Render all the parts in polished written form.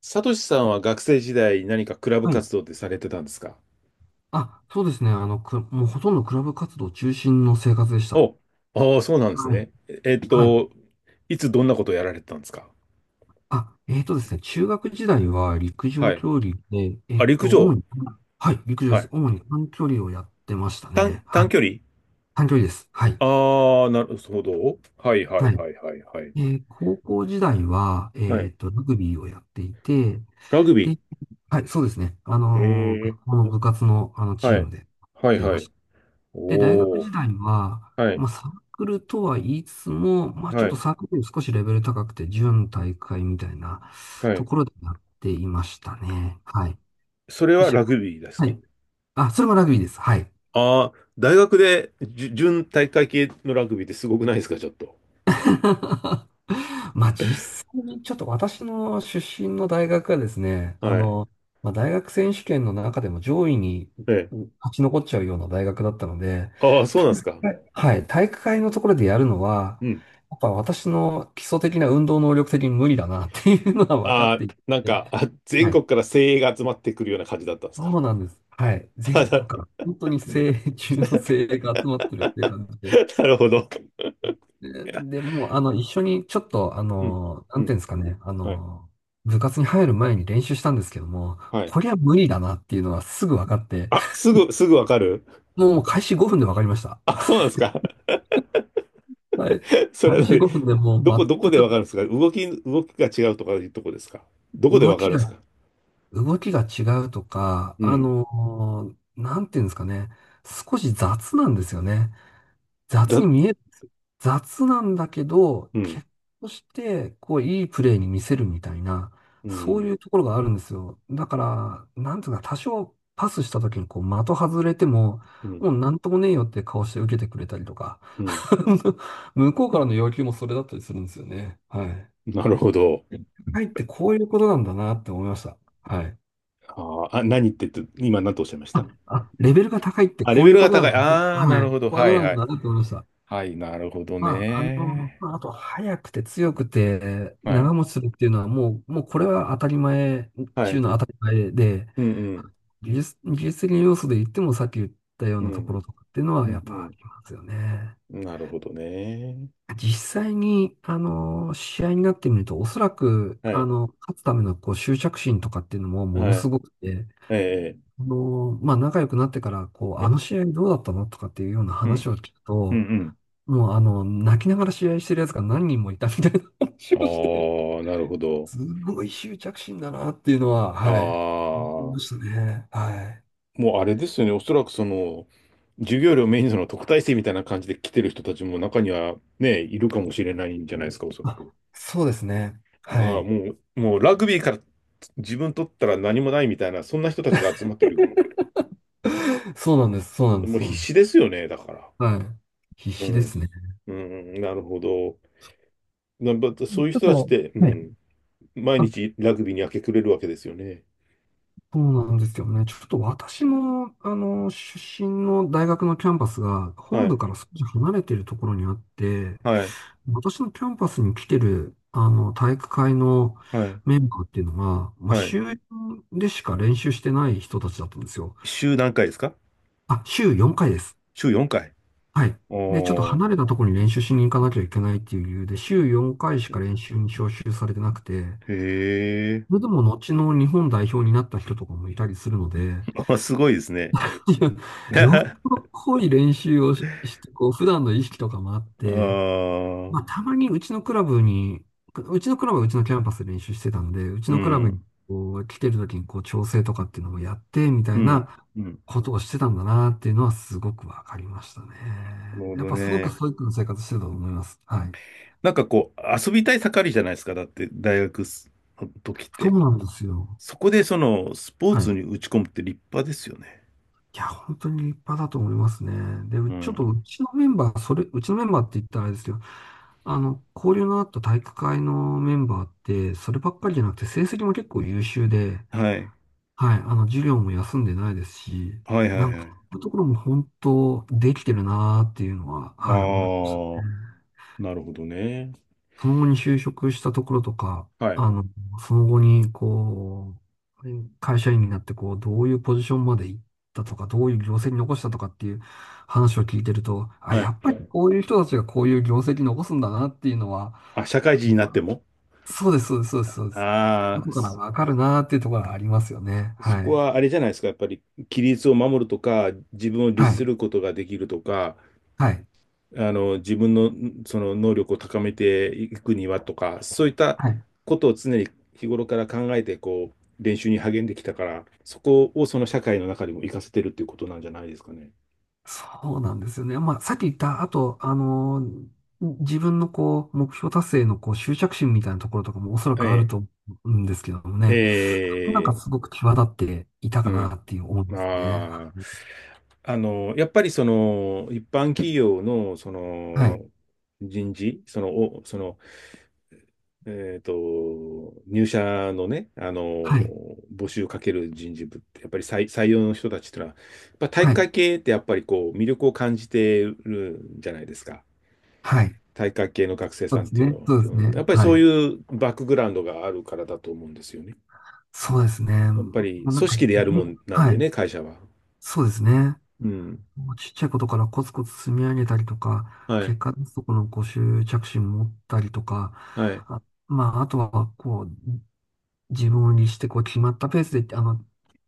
サトシさんは学生時代何かクラブはい。活動ってされてたんですか？あ、そうですね。もうほとんどクラブ活動中心の生活でした。お、ああ、そうなんですはい。ね。はい。いつどんなことをやられてたんですか？あ、えっとですね。中学時代は陸は上い。競技で、あ、陸主上。に、はい、陸上ではす。い。主に短距離をやってましたね。はい。短距離。短距離です。はい。ああー、なるほど。はいはいはい。はいはいはい。高校時代は、はい。ラグビーをやっていて、ラグビで、はい、そうですね。ー。へえ。学校の部活の、チはームい。でやっはいてはましい。た。で、大学お時お。代は、はまい。あ、サークルとは言いつつも、まあ、ちょはっとい。サークルより少しレベル高くて、準大会みたいなはとい。ころでやっていましたね。はい。それで、はしラグビーですはか？い。あ、それもラグビーです。はい。ああー、大学でじゅ準体育会系のラグビーってすごくないですかちょっと。まあ、実際にちょっと私の出身の大学がですね、はい。まあ、大学選手権の中でも上位にええ。勝ち残っちゃうような大学だったので、ああ、そうなんですか。はいはい、体育会のところでやるのは、うん。やっぱ私の基礎的な運動能力的に無理だなっていうのは分かあっていあ、て、なんか、あ、全は国い。から精鋭が集まってくるような感じだったんですか。そうなんです。はい。あ全な、 国から本当に精鋭中の精鋭が集まってるっていう感じで。なるほど。でもう、一緒にちょっと、うん。なうんていん。うんですかね、はい。部活に入る前に練習したんですけども、はい。こりゃ無理だなっていうのはすぐ分かって、すぐわかる。もう開始5分で分かりました。あ、そうなんですか。はい。それ開は始何？5分でもうどこ全でわかるくんですか？動きが違うとかいうとこですか？どこで動わかるきんですか？が動きが違うとか、うん。なんていうんですかね。少し雑なんですよね。雑だ、に見える。雑なんだけど、う結ん。果として、こう、いいプレーに見せるみたいな、うそうん。いうところがあるんですよ。だから、なんていうか、多少パスした時に、こう、的外れても、うん。もうなんともねえよって顔して受けてくれたりとか、うん。向こうからの要求もそれだったりするんですよね。はい。なるほど。はいってこういうことなんだなって思いました。はい。あーあ、何って言って、今何とおっしゃいました？あ、あ、レベルが高いってあ、レこうベいうルこがと高い。なんだ。ああ、なはるい。ほど。こういうこはといなんはい。だなと思いました。はい、なるほどまあ、ね。まああと、速くて強くてはい。長持ちするっていうのはもうこれは当たり前は中い。の当たり前で、うんうん。技術的な要素で言ってもさっき言ったよううなとん。ころとかっていうのうはやっぱあんりますよね。うん。なるほどね。実際に、試合になってみると、おそらく、はい。勝つためのこう執着心とかっていうのもものはすい。ごくて、えまあ、仲良くなってから、こう、あえ。のえ、試合どうだったのとかっていうようなうん。話を聞くうと、んもう、泣きながら試合してるやつが何人もいたみたいな話うをして、ん。ああ、なるほど。すごい執着心だなっていうのは、ああ、はい、思いまもしたね。はい。うあれですよね。おそらくその、授業料メインの特待生みたいな感じで来てる人たちも中にはね、いるかもしれないんじゃないですか、おそらく。あ、そうですね。まあ、はい。もうラグビーから自分取ったら何もないみたいな、そんな人たちが集まってる。そうなんです。そうなんです。もうそう必なんで死す。ですよね、だから。はい。必う死でん。すね。ちうん、なるほど。なまそういうょっ人たちっと、て、うね。ん、毎日ラグビーに明け暮れるわけですよね。そうなんですよね。ちょっと私も、出身の大学のキャンパスがは本部い、から少し離れているところにあって、はい、私のキャンパスに来てる、体育会のはい、メンバーっていうのが、まあ、はい。週よんでしか練習してない人たちだったんですよ。週何回ですか？あ、週4回です。週4回。はい。で、ちょっとおー、離れたところに練習しに行かなきゃいけないっていう理由で、週4回しか練習に招集されてなくて、へえ。それでも後の日本代表になった人とかもいたりするので、あ、すごいですね。いや、よっぽ ど濃い練習をしてこう、普段の意識とかもあっあて、まあ、あ、たまにうちのクラブはうちのキャンパスで練習してたので、うちうのクラブにん、こう来てる時にこう調整とかっていうのもやって、みたういん、なうん。ことをしてたんだなっていうのはすごくわかりましたね。なるほやっどぱすごくね。ストイックな生活してたと思います。はい。なんかこう、遊びたい盛りじゃないですか。だって、大学の時っそて。うなんですよ。そこでその、スポーはツい。に打ち込むって立派ですよね。いや、本当に立派だと思いますね。で、ううちょっとん。うちのメンバーって言ったらあれですよ。交流のあった体育会のメンバーって、そればっかりじゃなくて、成績も結構優秀で、はい。はい、授業も休んでないですし、はいはないんはか、い。そういうところも本当、できてるなーっていうのは、あはい、思いますね。あ。なるほどね。その後に就職したところとか、はい。あの、その後に、こう、会社員になって、こう、どういうポジションまで行ったとか、どういう業績残したとかっていう話を聞いてると、あ、はやい。っぱりこういう人たちがこういう業績残すんだなっていうのは、あ、社会人になっても。そうです、そうです、そうです、そうです。どああー、こからそわかるなっていうところがありますよね。そはこい。はあれじゃないですか。やっぱり、規律を守るとか、自分を律はすい。ることができるとか、はい。あの、自分の、その能力を高めていくにはとか、そういったはい。ことを常に日頃から考えて、こう、練習に励んできたから、そこをその社会の中でも活かせてるっていうことなんじゃないですかね。そうなんですよね。まあ、さっき言った、あと、自分のこう、目標達成のこう、執着心みたいなところとかもおそらえくあるえ。と思うんですけどもえね。なんかえ。すごく際立っていたうかなん。っていう思うんですね。ああ、あの、やっぱりその、一般企業の、そはい。はい。の、人事、その、お、その、えっと、入社のね、あの、募集かける人事部って、やっぱり採用の人たちってのは、やっぱ体育はい。会系ってやっぱりこう、魅力を感じてるんじゃないですか。はい。体育会系の学生そさうんっですていうね。のは。そうでうすん、やっね。ぱりはそうい。いうバックグラウンドがあるからだと思うんですよね。そうですね。やっぱもりうなん組か、ね。織でやるもんなんはでい。ね、会社は。そうですね。うん。もうちっちゃいことからコツコツ積み上げたりとか、はい。結果出すとこのご執着心持ったりとか、はい。あ、まあ、あとは、こう、自分を律して、こう、決まったペースで、あの、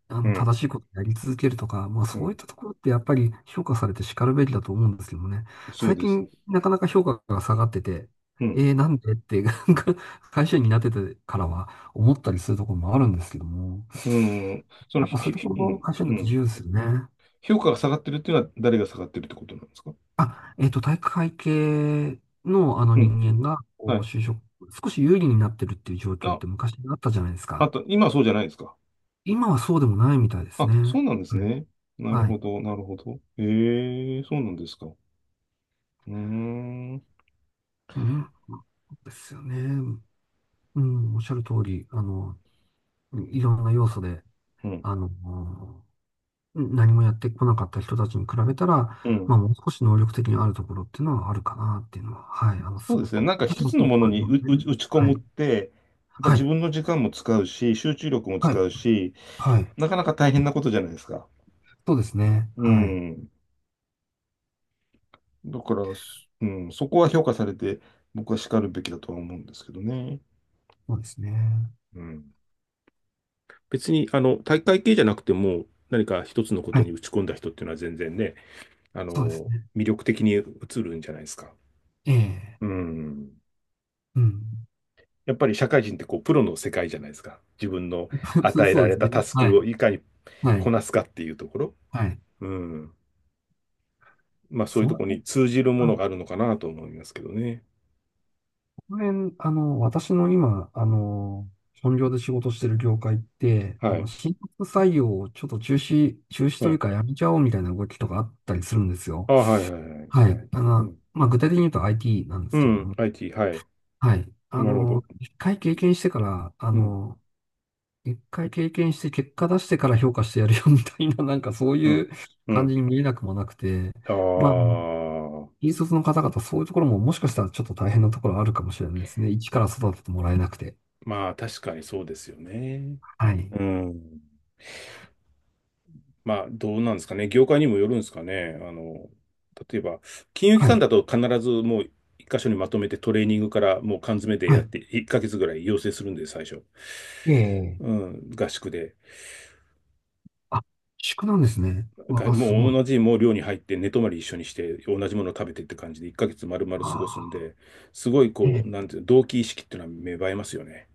あうん正しいことをやり続けるとか、まあ、うそういっん、たところってやっぱり評価されて叱るべきだと思うんですけどもね。そう最です。近、なかなか評価が下がってて、うん。なんでって、なんか会社員になっててからは思ったりするところもあるんですけども、うん。その、やっぱそういうとこひろうもん、会社員うだとん。重要ですよね。評価が下がってるっていうのは誰が下がってるってことなんですか？あ、体育会系のあのうん。人間が、こう、はい。就職、少し有利になってるっていう状況っあ、て昔あったじゃないですあか。と、今はそうじゃないですか。今はそうでもないみたいですあ、ね。そうなんですはい。ね。なるはほい。ど、なるほど。ええ、そうなんですか。うーん。うん。そうですよね。うん、おっしゃる通り、いろんな要素で、うん。あの、何もやってこなかった人たちに比べたら、うん。まあ、もう少し能力的にあるところっていうのはあるかなっていうのは、はい、そすうごですね。く、なんか私一もつそのうもの感じにますね。打ち込はむい。って、やっぱは自い。分の時間も使うし、集中力もは使い。うし、はい。なかなか大変なことじゃないですか。そうですね。うはい。ん。だから、うん、そこは評価されて、僕は叱るべきだとは思うんですけどね。そうですね。うん。別に、あの、大会系じゃなくても、何か一つのこはとにい。打ち込んだ人っていうのは全然ね、あそうですの、ね。魅力的に映るんじゃないですか。ええ。うん。うん。やっぱり社会人ってこう、プロの世界じゃないですか。自分の そ与うえそらうでれすたね。タスはクをい。いかにはい。こなすかっていうところ。はい。うん。まあ、そういそうのところ辺、に通じるもあ、のこがあるのかなと思いますけどね。の辺、私の今、本業で仕事してる業界って、はい。新卒採用をちょっと中止、中止うというん。かやめちゃおうみたいな動きとかあったりするんですよ。あ、はいはいはい。はい。うん。まあ、具体的に言うと IT なんでうすけどん。も。IT、はい。はい。なるほど。うん、一回経験して結果出してから評価してやるよみたいな、なんかそうういん、うう感ん。じに見えなくもなくて、あまあ、あ、引率の方々、そういうところももしかしたらちょっと大変なところあるかもしれないですね。一から育ててもらえなくて。まあ確かにそうですよね。はい。うん。まあどうなんですかね。業界にもよるんですかね。あの、例えば、金融機はい。関だと必ずもう一箇所にまとめてトレーニングからもう缶詰ではやっい。て1ヶ月ぐらい養成するんで、最初。ええ。うん、合宿で。あ、宿なんですね。うわがあ、すもごうい。同じもう寮に入って寝泊まり一緒にして同じものを食べてって感じで1ヶ月丸々あ過ごすんあ、で、すごいえこえ。う、なんていうの、同期意識っていうのは芽生えますよね。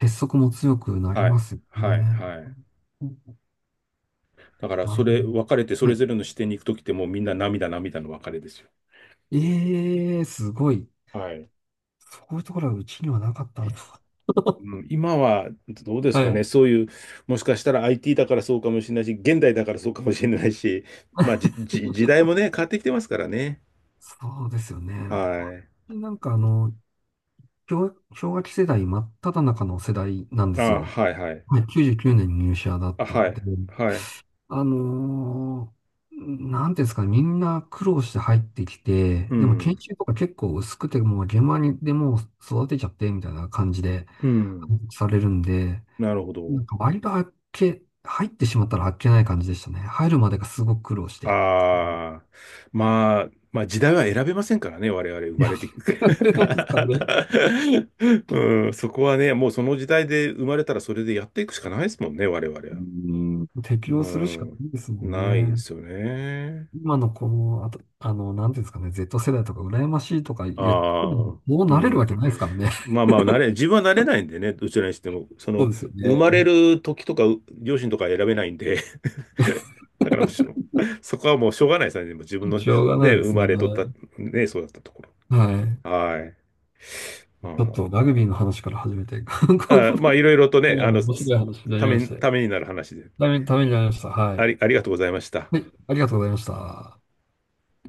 結束も強くなりますよね。はい。だから、なそるほど。れ、別れてそはれい。ぞれの視点に行くときってもうみんな涙涙の別れですよ。ええ、すごい。はい。そういうところはうちにはなかったんだ。うん、今はどうですはかね、い。そういう、もしかしたら IT だからそうかもしれないし、現代だからそうかもしれないし、まあ、時代もね、変わってきてますからね。そうですよね。はい。私なんか氷河期世代真っただ中の世代なんですあ、よ。はいはい。はい、99年に入社だっあ、たはので、い。はい。あのーなんていうんですかね、みんな苦労して入ってきうて、でも研ん。修とか結構薄くて、もう現場にでもう育てちゃってみたいな感じで、うん。されるんで、なるほなど。んか割とあっけ、入ってしまったらあっけない感じでしたね。入るまでがすごく苦労して。ああ、まあ、まあ時代は選べませんからね、我々生まれてきて。ですからね。 うん、そこはね、もうその時代で生まれたらそれでやっていくしかないですもんね、我々は。うん、う適応するしかなん、いですもんないでね。すよね。今のこの、あと、なんていうんですかね、Z 世代とか羨ましいとか言っても、ああ、もうう慣れるわん。けないですからね。まあまあ、慣れ、自分は慣れないんでね、どちらにしても、そ そうの、ですよ生まれね。る時とか、う両親とか選べないんで、だからしょそこはもうしょうがないですね、でも自分 のね、しょうがないで生すね。まれとった、ね、そうだったとこはい。ろ。はい。うちょっとん。ラグビーの話から始めて、こんなあまあ、いろいろとね、あの、面白い話になりまして、ためになる話で、ためになりました。はい。ありがとうございました。はい、ありがとうございました。